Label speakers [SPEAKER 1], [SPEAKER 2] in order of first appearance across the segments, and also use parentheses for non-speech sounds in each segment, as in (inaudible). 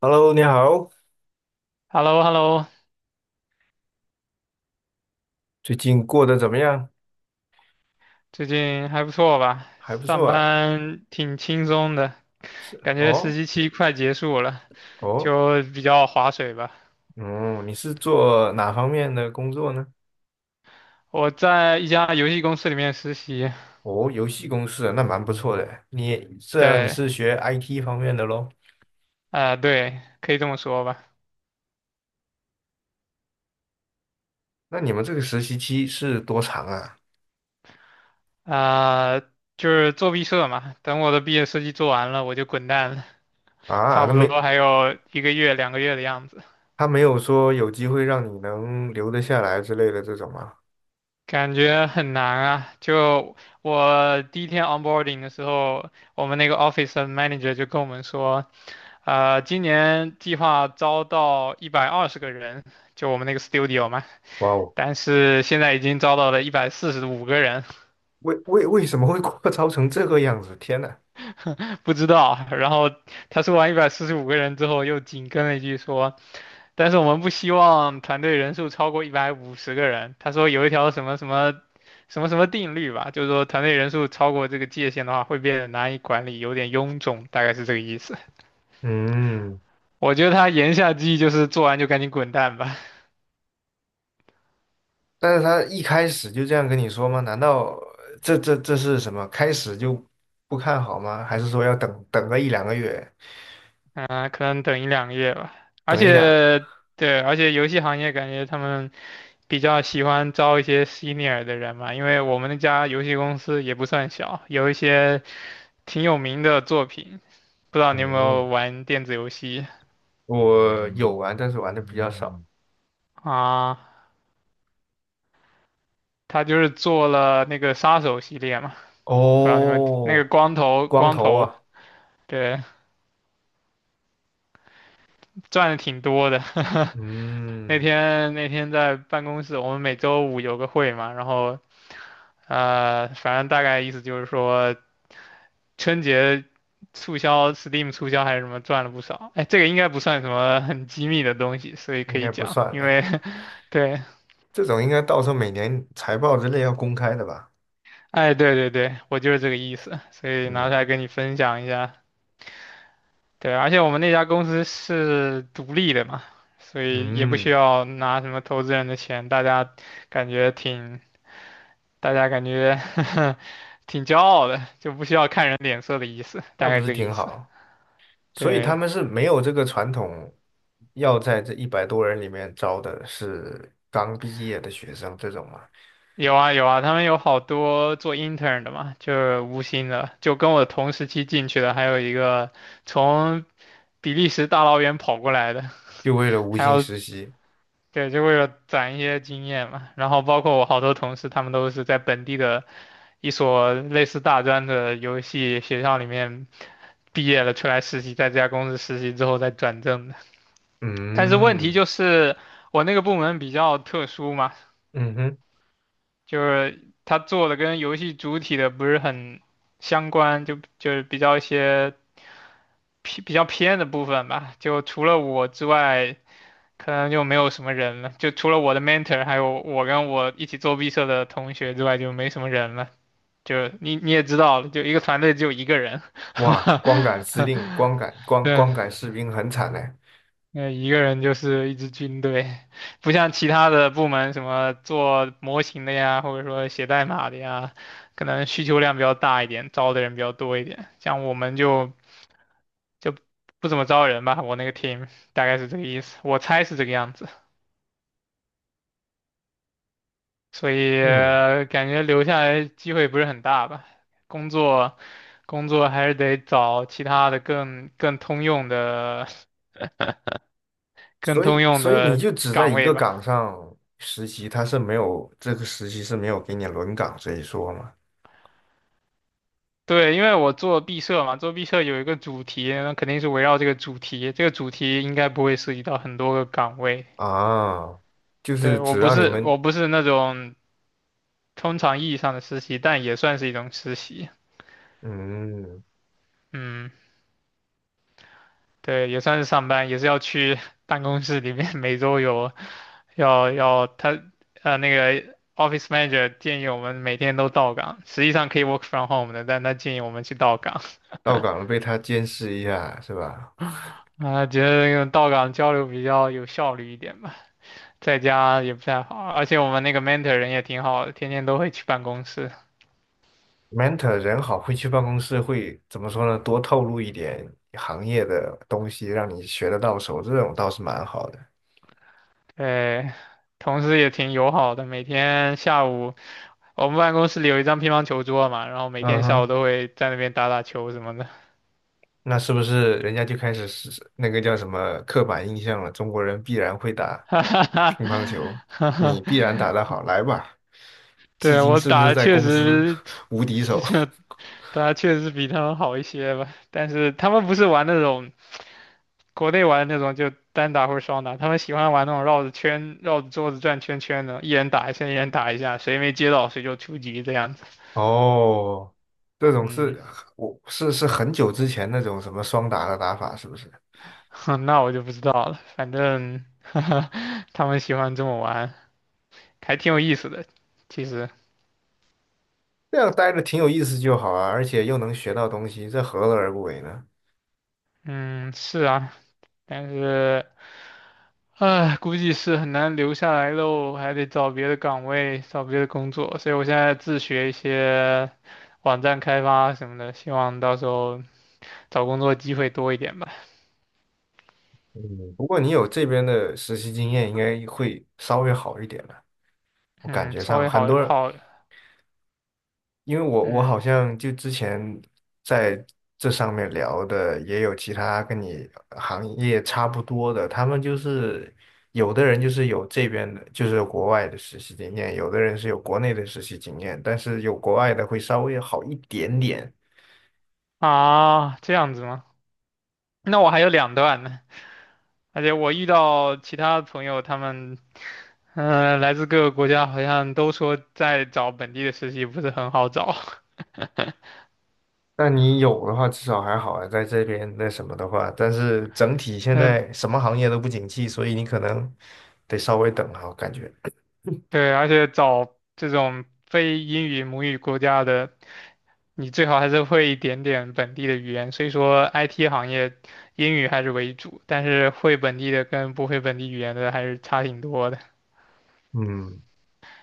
[SPEAKER 1] Hello，你好，
[SPEAKER 2] h e l l o h e l l o
[SPEAKER 1] 最近过得怎么样？
[SPEAKER 2] 最近还不错吧？
[SPEAKER 1] 还不
[SPEAKER 2] 上
[SPEAKER 1] 错啊。
[SPEAKER 2] 班挺轻松的，
[SPEAKER 1] 是
[SPEAKER 2] 感觉实
[SPEAKER 1] 哦
[SPEAKER 2] 习期快结束了，
[SPEAKER 1] 哦，
[SPEAKER 2] 就比较划水吧。
[SPEAKER 1] 嗯，你是做哪方面的工作呢？
[SPEAKER 2] 我在一家游戏公司里面实习，
[SPEAKER 1] 哦，游戏公司啊，那蛮不错的。你这样你
[SPEAKER 2] 对，
[SPEAKER 1] 是学 IT 方面的咯？
[SPEAKER 2] 对，可以这么说吧，
[SPEAKER 1] 那你们这个实习期是多长啊？
[SPEAKER 2] 啊、就是做毕设嘛。等我的毕业设计做完了，我就滚蛋了，
[SPEAKER 1] 啊，
[SPEAKER 2] 差
[SPEAKER 1] 那
[SPEAKER 2] 不
[SPEAKER 1] 没，
[SPEAKER 2] 多还有1个月、2个月的样子，
[SPEAKER 1] 他没有说有机会让你能留得下来之类的这种吗？
[SPEAKER 2] 感觉很难啊。就我第一天 onboarding 的时候，我们那个 office 的 manager 就跟我们说。今年计划招到120个人，就我们那个 studio 嘛，
[SPEAKER 1] 哇哦，
[SPEAKER 2] 但是现在已经招到了一百四十五个人，
[SPEAKER 1] 为什么会 (laughs) 扩招成这个样子？天呐！
[SPEAKER 2] (laughs) 不知道。然后他说完一百四十五个人之后，又紧跟了一句说，但是我们不希望团队人数超过150个人。他说有一条什么什么什么什么定律吧，就是说团队人数超过这个界限的话，会变得难以管理，有点臃肿，大概是这个意思。
[SPEAKER 1] 嗯，
[SPEAKER 2] 我觉得他言下之意就是做完就赶紧滚蛋吧。
[SPEAKER 1] 但是他一开始就这样跟你说吗？难道这是什么？开始就不看好吗？还是说要等个一两个月？
[SPEAKER 2] 可能等一两个月吧。而
[SPEAKER 1] 等一两……
[SPEAKER 2] 且，对，而且游戏行业感觉他们比较喜欢招一些 senior 的人嘛，因为我们那家游戏公司也不算小，有一些挺有名的作品。不知道你有没有
[SPEAKER 1] 嗯，
[SPEAKER 2] 玩电子游戏
[SPEAKER 1] 我有玩，但是玩的比较少。
[SPEAKER 2] 啊？他就是做了那个杀手系列嘛，不知道你们那个
[SPEAKER 1] 哦，
[SPEAKER 2] 光头
[SPEAKER 1] 光
[SPEAKER 2] 光
[SPEAKER 1] 头
[SPEAKER 2] 头，
[SPEAKER 1] 啊，
[SPEAKER 2] 对，赚的挺多的。(laughs) 那
[SPEAKER 1] 嗯，
[SPEAKER 2] 天那天在办公室，我们每周五有个会嘛，然后反正大概意思就是说。春节促销，Steam 促销还是什么赚了不少。哎，这个应该不算什么很机密的东西，所以
[SPEAKER 1] 应
[SPEAKER 2] 可
[SPEAKER 1] 该
[SPEAKER 2] 以
[SPEAKER 1] 不
[SPEAKER 2] 讲。
[SPEAKER 1] 算
[SPEAKER 2] 因
[SPEAKER 1] 了
[SPEAKER 2] 为
[SPEAKER 1] 呀。
[SPEAKER 2] (laughs)，对，
[SPEAKER 1] 这种应该到时候每年财报之类要公开的吧？
[SPEAKER 2] 哎，对对对，我就是这个意思，所以拿
[SPEAKER 1] 嗯
[SPEAKER 2] 出来跟你分享一下。对，而且我们那家公司是独立的嘛，所以也不需
[SPEAKER 1] 嗯，
[SPEAKER 2] 要拿什么投资人的钱，感觉挺，大家感觉 (laughs) 挺骄傲的，就不需要看人脸色的意思，大
[SPEAKER 1] 那
[SPEAKER 2] 概
[SPEAKER 1] 不是
[SPEAKER 2] 这个意
[SPEAKER 1] 挺
[SPEAKER 2] 思。
[SPEAKER 1] 好。所以他
[SPEAKER 2] 对，
[SPEAKER 1] 们是没有这个传统，要在这100多人里面招的是刚毕业的学生这种嘛，
[SPEAKER 2] 有啊有啊，他们有好多做 intern 的嘛，就是无薪的，就跟我同时期进去的，还有一个从比利时大老远跑过来的，
[SPEAKER 1] 就为了无
[SPEAKER 2] 还
[SPEAKER 1] 薪
[SPEAKER 2] 有
[SPEAKER 1] 实习。
[SPEAKER 2] 对，就为了攒一些经验嘛。然后包括我好多同事，他们都是在本地的一所类似大专的游戏学校里面毕业了，出来实习，在这家公司实习之后再转正的。但是问题
[SPEAKER 1] 嗯
[SPEAKER 2] 就是我那个部门比较特殊嘛。
[SPEAKER 1] 嗯哼，
[SPEAKER 2] 就是他做的跟游戏主体的不是很相关，就是比较偏的部分吧。就除了我之外，可能就没有什么人了。就除了我的 mentor，还有我跟我一起做毕设的同学之外，就没什么人了。就你也知道了，就一个团队只有一个人。
[SPEAKER 1] 哇，光
[SPEAKER 2] (laughs)
[SPEAKER 1] 杆司令、光杆光
[SPEAKER 2] 对，
[SPEAKER 1] 光杆士兵很惨嘞。
[SPEAKER 2] 那一个人就是一支军队，(laughs) 不像其他的部门什么做模型的呀，或者说写代码的呀，可能需求量比较大一点，招的人比较多一点。像我们就就不怎么招人吧，我那个 team 大概是这个意思，我猜是这个样子，所以
[SPEAKER 1] 嗯，
[SPEAKER 2] 感觉留下来机会不是很大吧。工作工作还是得找其他的更通用的 (laughs) 更
[SPEAKER 1] 所
[SPEAKER 2] 通
[SPEAKER 1] 以
[SPEAKER 2] 用
[SPEAKER 1] 所以你
[SPEAKER 2] 的
[SPEAKER 1] 就只在
[SPEAKER 2] 岗
[SPEAKER 1] 一
[SPEAKER 2] 位
[SPEAKER 1] 个
[SPEAKER 2] 吧。
[SPEAKER 1] 岗上实习，他是没有这个实习是没有给你轮岗这一说嘛？
[SPEAKER 2] 对，因为我做毕设嘛，做毕设有一个主题，那肯定是围绕这个主题。这个主题应该不会涉及到很多个岗位。
[SPEAKER 1] 啊，就
[SPEAKER 2] 对，
[SPEAKER 1] 是只让你们，
[SPEAKER 2] 我不是那种通常意义上的实习，但也算是一种实习。
[SPEAKER 1] 嗯，
[SPEAKER 2] 嗯，对，也算是上班，也是要去 (laughs) 办公室里面，(laughs) 每周有要要他那个 office manager 建议我们每天都到岗，实际上可以 work from home 的，但他建议我们去到岗
[SPEAKER 1] 到岗了被他监视一下是吧？
[SPEAKER 2] 啊，觉得那个到岗交流比较有效率一点吧。在家也不太好，而且我们那个 mentor 人也挺好的，天天都会去办公室，
[SPEAKER 1] mentor 人好，会去办公室，会怎么说呢？多透露一点行业的东西，让你学得到手，这种倒是蛮好的。
[SPEAKER 2] 对，同事也挺友好的，每天下午我们办公室里有一张乒乓球桌嘛，然后每
[SPEAKER 1] 嗯
[SPEAKER 2] 天下午
[SPEAKER 1] 哼，
[SPEAKER 2] 都会在那边打打球什么的，
[SPEAKER 1] 那是不是人家就开始是那个叫什么刻板印象了？中国人必然会
[SPEAKER 2] (laughs)
[SPEAKER 1] 打
[SPEAKER 2] 哈哈哈，
[SPEAKER 1] 乒乓球，
[SPEAKER 2] 哈
[SPEAKER 1] 你
[SPEAKER 2] 哈，
[SPEAKER 1] 必然打得好，来吧。至
[SPEAKER 2] 对，
[SPEAKER 1] 今
[SPEAKER 2] 我
[SPEAKER 1] 是不
[SPEAKER 2] 打
[SPEAKER 1] 是
[SPEAKER 2] 的
[SPEAKER 1] 在
[SPEAKER 2] 确
[SPEAKER 1] 公司
[SPEAKER 2] 实
[SPEAKER 1] (laughs) 无敌
[SPEAKER 2] 就
[SPEAKER 1] 手？
[SPEAKER 2] 是比他们好一些吧，但是他们不是玩那种。国内玩那种就单打或者双打，他们喜欢玩那种绕着圈、绕着桌子转圈圈的，一人打一下，一人打一下，谁没接到谁就出局这样子。
[SPEAKER 1] 哦，这种
[SPEAKER 2] 嗯，
[SPEAKER 1] 是我是是很久之前那种什么双打的打法，是不是？
[SPEAKER 2] (laughs) 那我就不知道了，反正 (laughs) 他们喜欢这么玩，还挺有意思的。其实，
[SPEAKER 1] 这样待着挺有意思就好啊，而且又能学到东西，这何乐而不为呢？
[SPEAKER 2] 嗯，是啊，但是，唉，估计是很难留下来喽，还得找别的岗位，找别的工作，所以我现在自学一些网站开发什么的，希望到时候找工作机会多一点吧。
[SPEAKER 1] 嗯，不过你有这边的实习经验，应该会稍微好一点了。我感
[SPEAKER 2] 嗯，
[SPEAKER 1] 觉
[SPEAKER 2] 稍
[SPEAKER 1] 上
[SPEAKER 2] 微
[SPEAKER 1] 很多，
[SPEAKER 2] 好，
[SPEAKER 1] 因为我好
[SPEAKER 2] 嗯
[SPEAKER 1] 像就之前在这上面聊的，也有其他跟你行业差不多的，他们就是有的人就是有这边的，就是国外的实习经验，有的人是有国内的实习经验，但是有国外的会稍微好一点点。
[SPEAKER 2] 啊，这样子吗？那我还有两段呢，而且我遇到其他的朋友，他们嗯、来自各个国家，好像都说在找本地的实习不是很好找。(laughs)
[SPEAKER 1] 那你有的话至少还好啊，在这边那什么的话，但是整体现
[SPEAKER 2] 嗯，
[SPEAKER 1] 在什么行业都不景气，所以你可能得稍微等啊，我感觉。
[SPEAKER 2] 对，而且找这种非英语母语国家的，你最好还是会一点点本地的语言。所以说，IT 行业英语还是为主，但是会本地的跟不会本地语言的还是差挺多的。
[SPEAKER 1] 嗯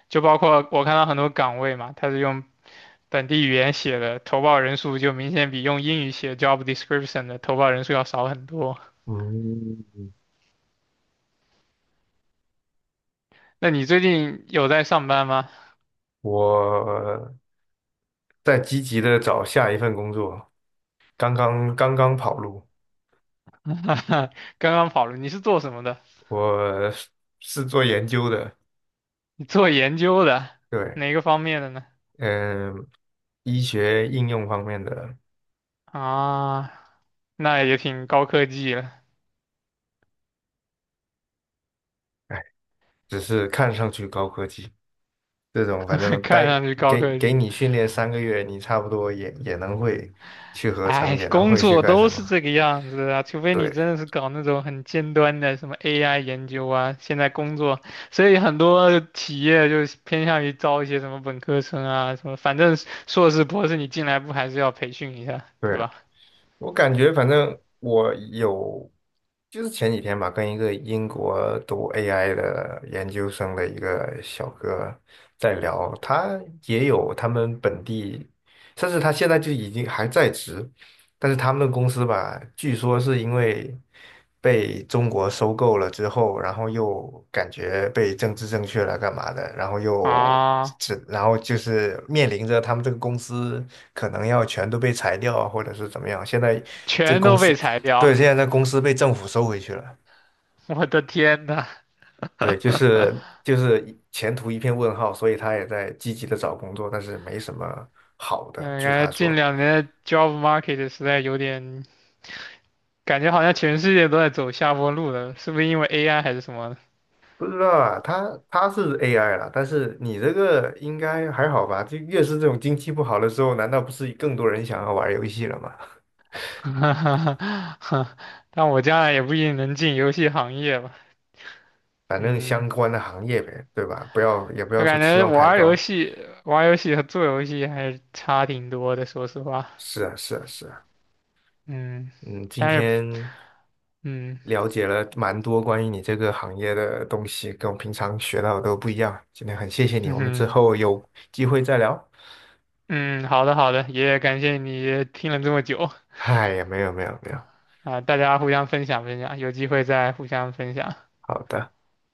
[SPEAKER 2] 就包括我看到很多岗位嘛，它是用本地语言写的，投报人数就明显比用英语写 job description 的投报人数要少很多。
[SPEAKER 1] 嗯，
[SPEAKER 2] 那你最近有在上班吗？
[SPEAKER 1] 我在积极的找下一份工作，刚刚跑路，
[SPEAKER 2] (laughs) 刚刚跑了，你是做什么的？
[SPEAKER 1] 我是做研究的，
[SPEAKER 2] 你做研究的，
[SPEAKER 1] 对，
[SPEAKER 2] 哪个方面的呢？
[SPEAKER 1] 嗯，医学应用方面的，
[SPEAKER 2] 啊，那也挺高科技了，
[SPEAKER 1] 哎，只是看上去高科技。这种反正
[SPEAKER 2] (laughs) 看
[SPEAKER 1] 待
[SPEAKER 2] 上去高
[SPEAKER 1] 给
[SPEAKER 2] 科
[SPEAKER 1] 给
[SPEAKER 2] 技。
[SPEAKER 1] 你训练3个月，你差不多也能会去合成，
[SPEAKER 2] 哎，
[SPEAKER 1] 也能
[SPEAKER 2] 工
[SPEAKER 1] 会去
[SPEAKER 2] 作
[SPEAKER 1] 干
[SPEAKER 2] 都
[SPEAKER 1] 什么。
[SPEAKER 2] 是这个样子啊，除非你
[SPEAKER 1] 对
[SPEAKER 2] 真的是搞那种很尖端的什么 AI 研究啊，现在工作，所以很多企业就是偏向于招一些什么本科生啊，什么反正硕士博士你进来不还是要培训一下，对
[SPEAKER 1] 对，
[SPEAKER 2] 吧？
[SPEAKER 1] 我感觉反正我有，就是前几天吧，跟一个英国读 AI 的研究生的一个小哥在聊，他也有他们本地，甚至他现在就已经还在职，但是他们的公司吧，据说是因为被中国收购了之后，然后又感觉被政治正确了干嘛的，然后又
[SPEAKER 2] 啊，
[SPEAKER 1] 然后就是面临着他们这个公司。可能要全都被裁掉啊，或者是怎么样。现在这个
[SPEAKER 2] 全
[SPEAKER 1] 公
[SPEAKER 2] 都
[SPEAKER 1] 司，
[SPEAKER 2] 被裁
[SPEAKER 1] 对，
[SPEAKER 2] 掉，
[SPEAKER 1] 现在这公司被政府收回去了，
[SPEAKER 2] 我的天呐，
[SPEAKER 1] 对，就是前途一片问号，所以他也在积极的找工作，但是没什么好的，
[SPEAKER 2] 嗯，
[SPEAKER 1] 据
[SPEAKER 2] 感
[SPEAKER 1] 他
[SPEAKER 2] 觉近
[SPEAKER 1] 说。
[SPEAKER 2] 两年的 job market 实在有点，感觉好像全世界都在走下坡路了，是不是因为 AI 还是什么
[SPEAKER 1] 不知道啊，他是 AI 了，但是你这个应该还好吧？就越是这种经济不好的时候，难道不是更多人想要玩游戏了吗？
[SPEAKER 2] (laughs) 哈哈哈，(laughs) 但我将来也不一定能进游戏行业吧。
[SPEAKER 1] 反正
[SPEAKER 2] 嗯，
[SPEAKER 1] 相关的行业呗，对吧？不要也不
[SPEAKER 2] 我
[SPEAKER 1] 要说
[SPEAKER 2] 感
[SPEAKER 1] 期
[SPEAKER 2] 觉
[SPEAKER 1] 望太高。
[SPEAKER 2] 玩儿游戏和做游戏还是差挺多的，说实话。
[SPEAKER 1] 是啊，是啊，是啊。
[SPEAKER 2] 嗯，
[SPEAKER 1] 嗯，今
[SPEAKER 2] 但是，
[SPEAKER 1] 天
[SPEAKER 2] 嗯，
[SPEAKER 1] 了解了蛮多关于你这个行业的东西，跟我平常学到的都不一样。今天很谢谢
[SPEAKER 2] (laughs)
[SPEAKER 1] 你，我们之
[SPEAKER 2] 嗯
[SPEAKER 1] 后有机会再聊。
[SPEAKER 2] 嗯，好的好的，也感谢你听了这么久
[SPEAKER 1] 哎呀，没有没有没有，
[SPEAKER 2] 啊，大家互相分享分享，有机会再互相分享。
[SPEAKER 1] 好的。